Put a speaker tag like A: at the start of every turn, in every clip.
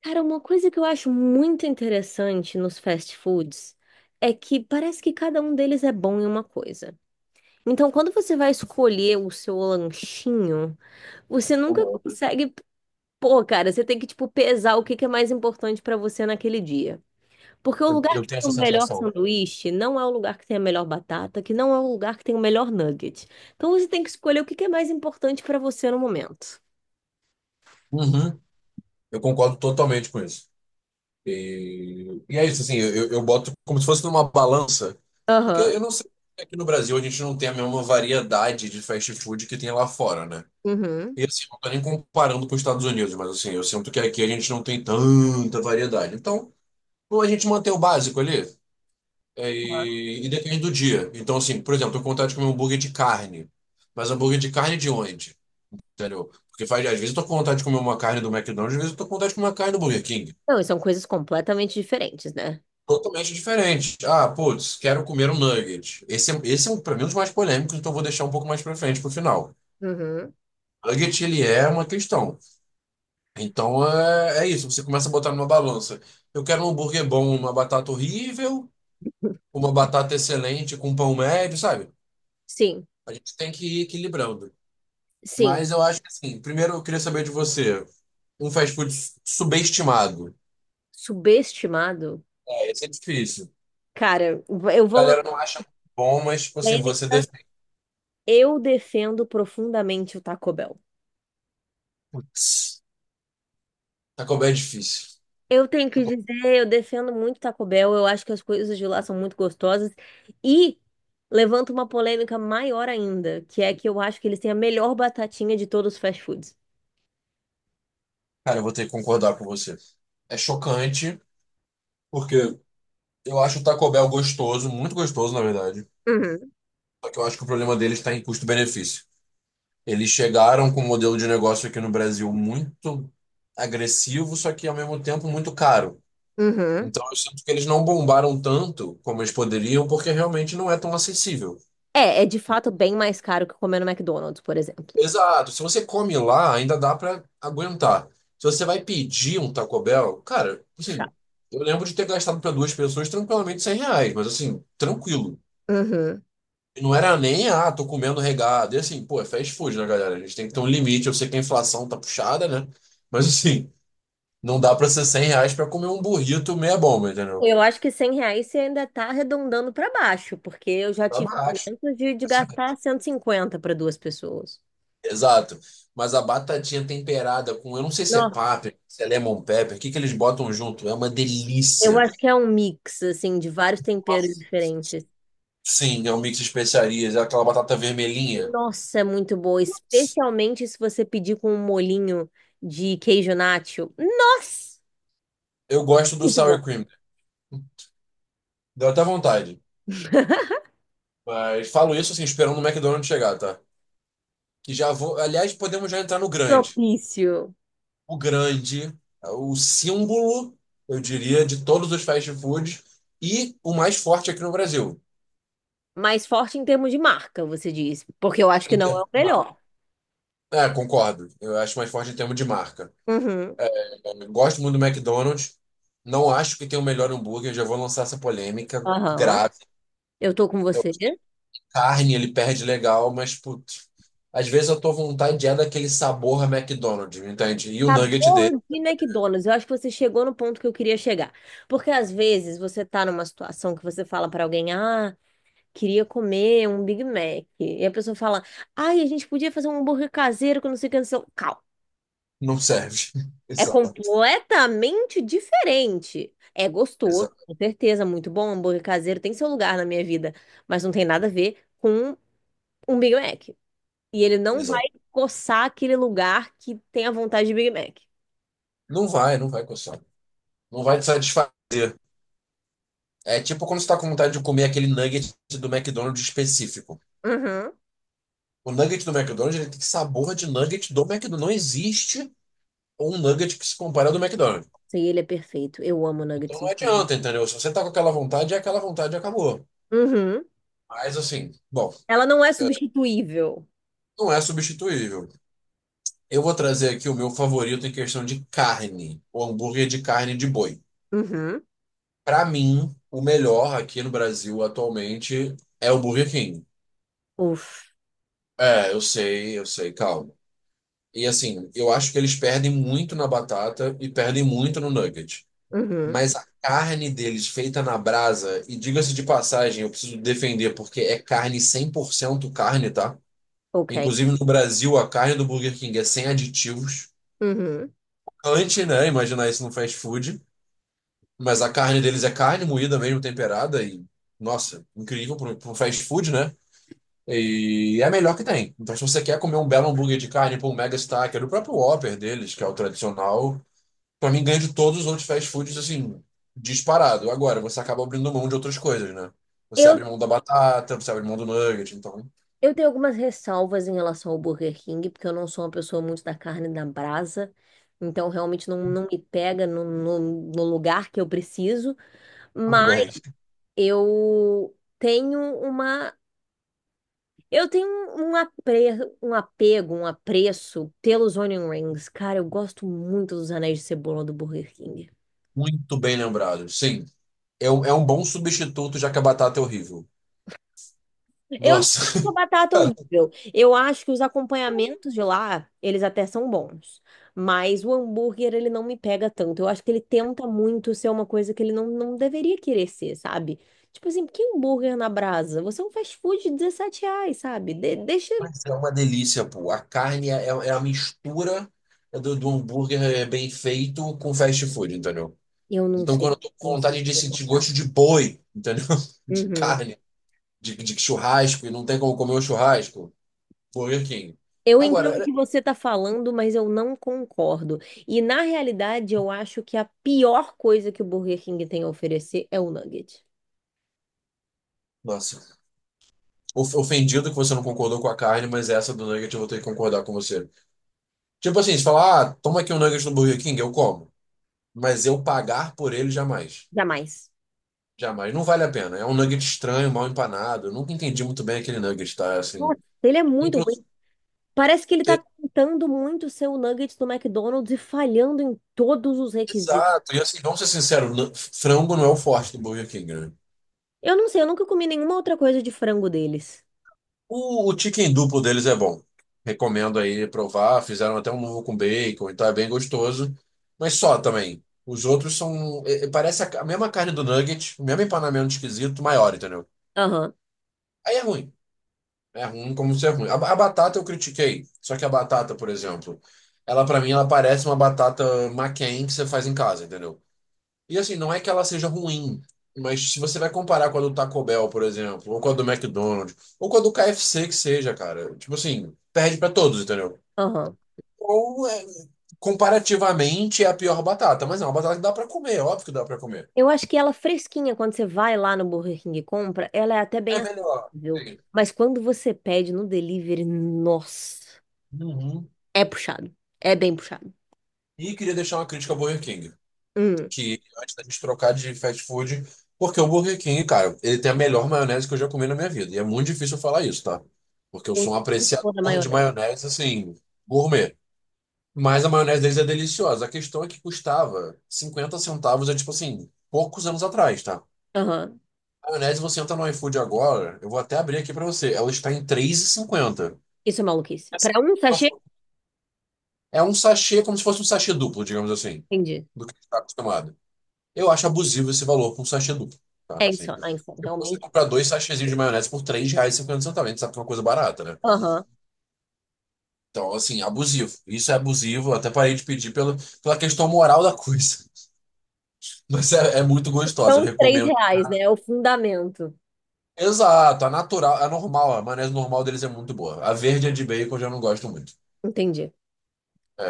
A: Cara, uma coisa que eu acho muito interessante nos fast foods é que parece que cada um deles é bom em uma coisa. Então, quando você vai escolher o seu lanchinho, você nunca
B: Aham.
A: consegue. Pô, cara, você tem que, pesar o que que é mais importante pra você naquele dia. Porque o
B: Eu,
A: lugar
B: eu
A: que tem
B: tenho essa
A: o melhor
B: sensação.
A: sanduíche não é o lugar que tem a melhor batata, que não é o lugar que tem o melhor nugget. Então, você tem que escolher o que que é mais importante pra você no momento.
B: Uhum. Eu concordo totalmente com isso. E é isso, assim, eu boto como se fosse numa balança, porque
A: Aham.
B: eu não sei se aqui no Brasil a gente não tem a mesma variedade de fast food que tem lá fora, né?
A: Uhum.
B: E assim, não tô nem comparando com os Estados Unidos, mas assim, eu sinto que aqui a gente não tem tanta variedade. Então, ou a gente mantém o básico ali, e depende do dia. Então, assim, por exemplo, eu tenho vontade de comer um hambúrguer de carne, mas hambúrguer de carne de onde? Entendeu? Porque às vezes eu tô com vontade de comer uma carne do McDonald's, às vezes eu tô com vontade de comer uma carne do Burger King.
A: Não, e são coisas completamente diferentes, né?
B: Totalmente diferente. Ah, putz, quero comer um nugget. Esse é um, pra mim, um dos mais polêmicos, então eu vou deixar um pouco mais pra frente, pro final.
A: Uhum.
B: Nugget, ele é uma questão. Então, é, é isso. Você começa a botar numa balança. Eu quero um hambúrguer bom, uma batata horrível, uma batata excelente com pão médio, sabe?
A: Sim,
B: A gente tem que ir equilibrando.
A: sim.
B: Mas eu acho que, assim, primeiro eu queria saber de você. Um fast food subestimado.
A: Subestimado?
B: É, esse é difícil.
A: Cara, eu
B: A
A: vou lançar
B: galera não acha muito bom, mas, tipo assim, você
A: polêmica.
B: defende.
A: Eu defendo profundamente o Taco Bell.
B: Putz, Taco Bell é difícil.
A: Eu tenho que
B: Taco-
A: dizer, eu defendo muito o Taco Bell. Eu acho que as coisas de lá são muito gostosas. E levanto uma polêmica maior ainda, que é que eu acho que eles têm a melhor batatinha de todos os fast foods.
B: Cara, eu vou ter que concordar com você. É chocante, porque eu acho o Taco Bell gostoso, muito gostoso, na verdade.
A: Uhum,
B: Só que eu acho que o problema deles está em custo-benefício. Eles chegaram com um modelo de negócio aqui no Brasil muito agressivo, só que ao mesmo tempo muito caro.
A: uhum.
B: Então eu sinto que eles não bombaram tanto como eles poderiam, porque realmente não é tão acessível.
A: É, é de fato bem mais caro que comer no McDonald's, por exemplo.
B: Exato. Se você come lá, ainda dá pra aguentar. Se você vai pedir um Taco Bell, cara,
A: Chato.
B: assim, eu lembro de ter gastado pra duas pessoas tranquilamente R$ 100, mas assim, tranquilo.
A: Uhum.
B: E não era nem, ah, tô comendo regado. E assim, pô, é fast food, né, galera? A gente tem que ter um limite. Eu sei que a inflação tá puxada, né? Mas assim, não dá pra ser R$ 100 pra comer um burrito meia bomba, entendeu?
A: Eu acho que R$ 100 você ainda está arredondando para baixo, porque eu já
B: Pra
A: tive
B: baixo.
A: momentos de
B: Assim,
A: gastar 150 para duas pessoas.
B: exato. Mas a batatinha temperada com, eu não sei se é
A: Nossa,
B: páprica, se é lemon pepper, o que que eles botam junto? É uma
A: eu
B: delícia.
A: acho que é um mix, assim, de vários temperos
B: Nossa.
A: diferentes.
B: Sim, é um mix de especiarias, é aquela batata vermelhinha.
A: Nossa, é muito boa, especialmente se você pedir com um molhinho de queijo nacho. Nossa,
B: Eu gosto do
A: muito
B: sour
A: bom.
B: cream, deu até vontade. Mas falo isso assim, esperando o McDonald's chegar, tá? Que já vou. Aliás, podemos já entrar no grande.
A: Propício.
B: O grande, é o símbolo, eu diria, de todos os fast foods e o mais forte aqui no Brasil.
A: Mais forte em termos de marca, você diz, porque eu acho que
B: Em
A: não é
B: termos
A: o
B: de marca.
A: melhor.
B: É, concordo. Eu acho mais forte em termos de marca.
A: Uhum.
B: É, é, gosto muito do McDonald's. Não acho que tem o melhor hambúrguer, já vou lançar essa polêmica
A: Aham.
B: grave.
A: Eu tô com você.
B: Carne ele perde legal, mas putz, às vezes a tua vontade é daquele sabor a McDonald's, entende? E o nugget dele
A: Sabor de McDonald's. Eu acho que você chegou no ponto que eu queria chegar. Porque às vezes você tá numa situação que você fala pra alguém, ah, queria comer um Big Mac. E a pessoa fala, ai, a gente podia fazer um hambúrguer caseiro com não sei o que, não sei o que. Calma.
B: não serve.
A: É
B: Exato,
A: completamente diferente. É gostoso,
B: exato,
A: com certeza, muito bom. Hambúrguer caseiro tem seu lugar na minha vida, mas não tem nada a ver com um Big Mac. E ele não vai
B: exato.
A: coçar aquele lugar que tem a vontade de Big Mac.
B: Não vai, não vai coçar. Não vai te satisfazer. É tipo quando você tá com vontade de comer aquele nugget do McDonald's específico.
A: Uhum.
B: O nugget do McDonald's ele tem sabor de nugget do McDonald's. Não existe um nugget que se compare ao do McDonald's.
A: Sim, ele é perfeito. Eu amo
B: Então
A: nuggets
B: não
A: no filme.
B: adianta, entendeu? Se você tá com aquela vontade, é aquela vontade e acabou.
A: Uhum,
B: Mas assim, bom,
A: Ela não é substituível.
B: não é substituível. Eu vou trazer aqui o meu favorito em questão de carne, o hambúrguer de carne de boi.
A: Uhum,
B: Para mim, o melhor aqui no Brasil atualmente é o Burger King.
A: Uf,
B: É, eu sei, calma. E assim, eu acho que eles perdem muito na batata e perdem muito no nugget.
A: uhum,
B: Mas a carne deles feita na brasa, e diga-se de passagem, eu preciso defender porque é carne 100% carne, tá?
A: ok.
B: Inclusive no Brasil, a carne do Burger King é sem aditivos.
A: Uhum.
B: Antes, né? Imaginar isso no fast food. Mas a carne deles é carne moída mesmo, temperada e, nossa, incrível para um fast food, né? E é a melhor que tem. Então, se você quer comer um belo hambúrguer de carne, pô, um Mega Stacker, o próprio Whopper deles, que é o tradicional, pra mim ganha de todos os outros fast foods, assim, disparado. Agora, você acaba abrindo mão de outras coisas, né? Você
A: Eu,
B: abre mão da batata, você abre mão do nugget, então,
A: eu tenho algumas ressalvas em relação ao Burger King, porque eu não sou uma pessoa muito da carne da brasa, então realmente não me pega no lugar que eu preciso,
B: tudo
A: mas
B: bem.
A: eu tenho uma. Eu tenho um apego, um apreço pelos onion rings. Cara, eu gosto muito dos anéis de cebola do Burger King.
B: Muito bem lembrado. Sim, é um bom substituto, já que a batata é horrível.
A: Eu não acho
B: Nossa.
A: a batata horrível. Eu acho que os acompanhamentos de lá, eles até são bons. Mas o hambúrguer, ele não me pega tanto. Eu acho que ele tenta muito ser uma coisa que ele não deveria querer ser, sabe? Tipo assim, por que hambúrguer na brasa? Você é um fast food de R$ 17, sabe? De- deixa.
B: Mas é uma delícia, pô. A carne é a mistura do hambúrguer é bem feito com fast food, entendeu?
A: Eu não
B: Então,
A: sei.
B: quando eu tô com
A: Não sei se
B: vontade de
A: eu vou
B: sentir gosto
A: concordar.
B: de boi, entendeu? De
A: Uhum.
B: carne, de churrasco, e não tem como comer um churrasco, Burger King.
A: Eu entendo o
B: Agora,
A: que você está falando, mas eu não concordo. E na realidade, eu acho que a pior coisa que o Burger King tem a oferecer é o nugget.
B: nossa, ofendido que você não concordou com a carne, mas essa do nugget eu vou ter que concordar com você. Tipo assim, se falar, ah, toma aqui um nugget no Burger King, eu como. Mas eu pagar por ele jamais.
A: Jamais.
B: Jamais, não vale a pena. É um nugget estranho, mal empanado. Eu nunca entendi muito bem aquele nugget, tá? Assim,
A: Nossa, ele é muito ruim.
B: inclusive,
A: Parece que ele tá
B: é-
A: tentando muito ser o Nuggets do McDonald's e falhando em todos os requisitos.
B: exato. E assim, vamos ser sinceros, frango não é o forte do Burger King, né?
A: Eu não sei, eu nunca comi nenhuma outra coisa de frango deles.
B: O chicken duplo deles é bom. Recomendo aí provar. Fizeram até um novo com bacon, então é bem gostoso. Mas só também. Os outros são. Parece a mesma carne do nugget, o mesmo empanamento esquisito, maior, entendeu?
A: Aham,
B: Aí é ruim. É ruim como ser ruim. A batata eu critiquei. Só que a batata, por exemplo, ela pra mim ela parece uma batata McCain que você faz em casa, entendeu? E assim, não é que ela seja ruim, mas se você vai comparar com a do Taco Bell, por exemplo, ou com a do McDonald's, ou com a do KFC que seja, cara, tipo assim, perde pra todos, entendeu?
A: aham.
B: Ou é, comparativamente é a pior batata, mas é uma batata que dá pra comer, óbvio que dá pra comer.
A: Eu acho que ela fresquinha, quando você vai lá no Burger King e compra, ela é até
B: É
A: bem
B: melhor.
A: acessível.
B: Sim.
A: Mas quando você pede no delivery, nossa,
B: Uhum.
A: é puxado. É bem puxado.
B: E queria deixar uma crítica ao Burger King,
A: Hum.
B: que antes da gente trocar de fast food, porque o Burger King, cara, ele tem a melhor maionese que eu já comi na minha vida. E é muito difícil eu falar isso, tá? Porque eu
A: Eu
B: sou um
A: não sou da
B: apreciador de
A: maionese.
B: maionese, assim, gourmet. Mas a maionese deles é deliciosa. A questão é que custava 50 centavos, é tipo assim, poucos anos atrás, tá?
A: Aham.
B: A maionese, você entra no iFood agora, eu vou até abrir aqui pra você, ela está em 3,50.
A: Isso é maluquice. Pra um sachê,
B: É um sachê, como se fosse um sachê duplo, digamos assim,
A: entendi.
B: do que a gente está acostumado. Eu acho abusivo esse valor para um sachê duplo, tá? Assim,
A: É insano,
B: tipo, você
A: realmente.
B: comprar dois sachêzinhos de maionese por R$3,50, a gente sabe que é uma coisa barata, né?
A: Aham.
B: Então, assim, abusivo. Isso é abusivo, eu até parei de pedir pelo, pela questão moral da coisa. Mas é, é muito gostosa, eu
A: São três
B: recomendo.
A: reais, né? É o fundamento.
B: Exato, a natural, a normal, a maionese normal deles é muito boa. A verde é de bacon, eu já não gosto muito.
A: Entendi.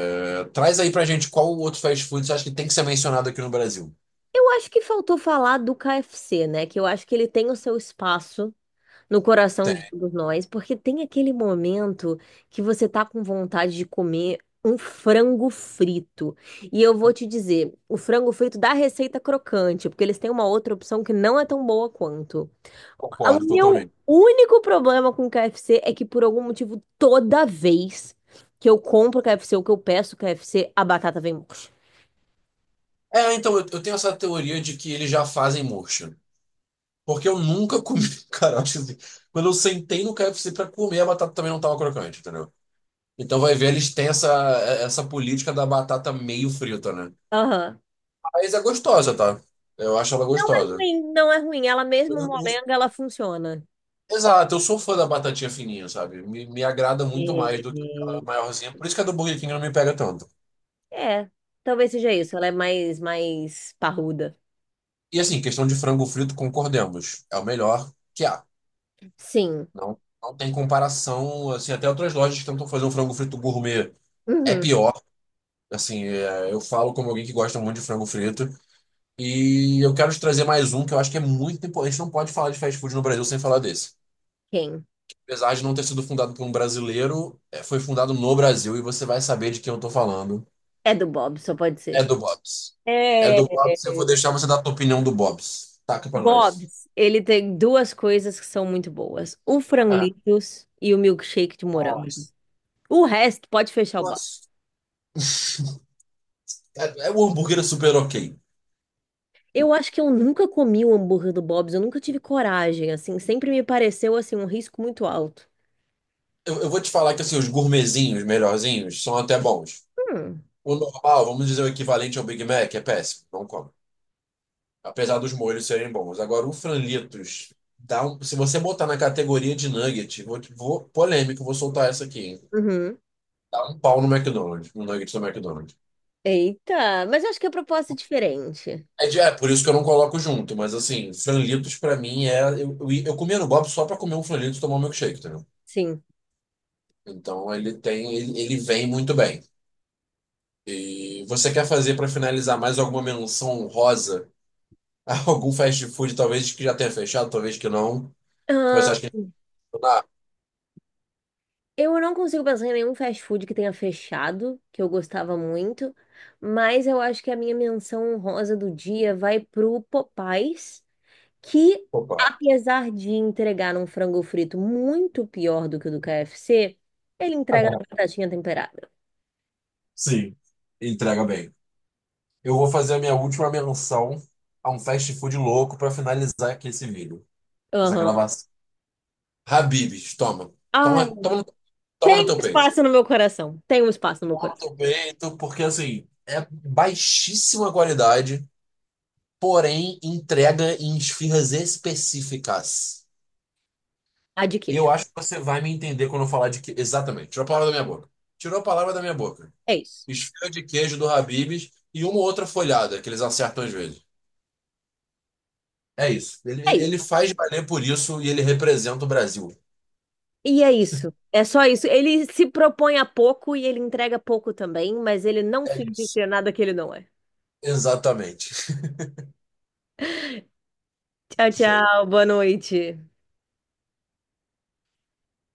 B: É, traz aí pra gente qual outro fast food você acha que tem que ser mencionado aqui no Brasil.
A: Eu acho que faltou falar do KFC, né? Que eu acho que ele tem o seu espaço no coração de
B: Tem,
A: todos nós, porque tem aquele momento que você tá com vontade de comer um frango frito. E eu vou te dizer, o frango frito da receita crocante, porque eles têm uma outra opção que não é tão boa quanto. O
B: concordo
A: meu
B: totalmente.
A: único problema com o KFC é que por algum motivo toda vez que eu compro KFC ou que eu peço KFC, a batata vem murcha.
B: É, então, eu tenho essa teoria de que eles já fazem murcho. Porque eu nunca comi. Cara, eu acho assim, quando eu sentei no KFC pra comer, a batata também não tava crocante, entendeu? Então vai ver, eles têm essa política da batata meio frita, né?
A: Aham.
B: Mas é gostosa, tá? Eu acho ela
A: Não é
B: gostosa.
A: ruim, não é ruim. Ela
B: Eu-
A: mesmo
B: eu-
A: molenga, ela funciona.
B: Exato, eu sou fã da batatinha fininha, sabe? Me agrada muito mais
A: É,
B: do que aquela maiorzinha. Por isso que a do Burger King não me pega tanto.
A: é, talvez seja isso. Ela é mais parruda.
B: E assim, questão de frango frito, concordemos. É o melhor que há.
A: Sim.
B: Não, não tem comparação, assim, até outras lojas que tentam fazer um frango frito gourmet. É
A: Uhum.
B: pior. Assim, eu falo como alguém que gosta muito de frango frito. E eu quero te trazer mais um que eu acho que é muito importante. A gente não pode falar de fast food no Brasil sem falar desse.
A: Quem?
B: Apesar de não ter sido fundado por um brasileiro, foi fundado no Brasil e você vai saber de quem eu tô falando.
A: É do Bob, só pode
B: É
A: ser.
B: do Bob's. É
A: É.
B: do Bob's, eu vou deixar você dar a tua opinião do Bob's. Taca pra nós.
A: Bob's, ele tem duas coisas que são muito boas: o
B: Ah,
A: franlitos e o milkshake de morango.
B: nossa.
A: O resto pode fechar o bar.
B: Nossa. É, é um hambúrguer super ok.
A: Eu acho que eu nunca comi o hambúrguer do Bob's, eu nunca tive coragem, assim, sempre me pareceu assim um risco muito alto.
B: Eu vou te falar que assim, os gourmetzinhos melhorzinhos são até bons.
A: Hum.
B: O normal, vamos dizer o equivalente ao Big Mac, é péssimo. Não come. Apesar dos molhos serem bons. Agora, o franlitos, se você botar na categoria de nugget, vou, polêmico, vou soltar essa aqui, hein?
A: Uhum.
B: Dá um pau no McDonald's, no nugget do McDonald's.
A: Eita, mas eu acho que a proposta é diferente.
B: É, é, por isso que eu não coloco junto, mas assim, franlitos pra mim é. Eu comia no Bob só pra comer um franlitos e tomar um milkshake, entendeu?
A: Sim.
B: Então ele vem muito bem. E você quer fazer pra finalizar mais alguma menção honrosa a algum fast food, talvez que já tenha fechado, talvez que não, que você
A: Ah,
B: acha que. Ah,
A: eu não consigo pensar em nenhum fast food que tenha fechado, que eu gostava muito, mas eu acho que a minha menção honrosa do dia vai pro Popais, que
B: Popeye.
A: apesar de entregar um frango frito muito pior do que o do KFC, ele entrega na batatinha temperada.
B: Sim, entrega bem. Eu vou fazer a minha última menção a um fast food louco para finalizar aqui esse vídeo, essa
A: Aham.
B: gravação. Habib's, toma.
A: Ai,
B: Toma, toma, toma no
A: tem um
B: teu peito.
A: espaço no meu coração. Tem um espaço no meu
B: Toma no
A: coração.
B: teu peito, porque assim, é baixíssima qualidade, porém entrega em esfirras específicas.
A: A de
B: E eu
A: queijo.
B: acho que você vai me entender quando eu falar de que. Exatamente, tirou a palavra da minha boca. Tirou a palavra da minha boca.
A: É isso.
B: Esfirra de queijo do Habib's e uma outra folhada que eles acertam às vezes. É isso. Ele,
A: É
B: ele
A: isso.
B: faz valer por isso e ele representa o Brasil.
A: E é isso. É só isso. Ele se propõe a pouco e ele entrega pouco também, mas ele não
B: É
A: finge
B: isso.
A: ser nada que ele não é.
B: Exatamente.
A: Tchau,
B: Show.
A: tchau. Boa noite.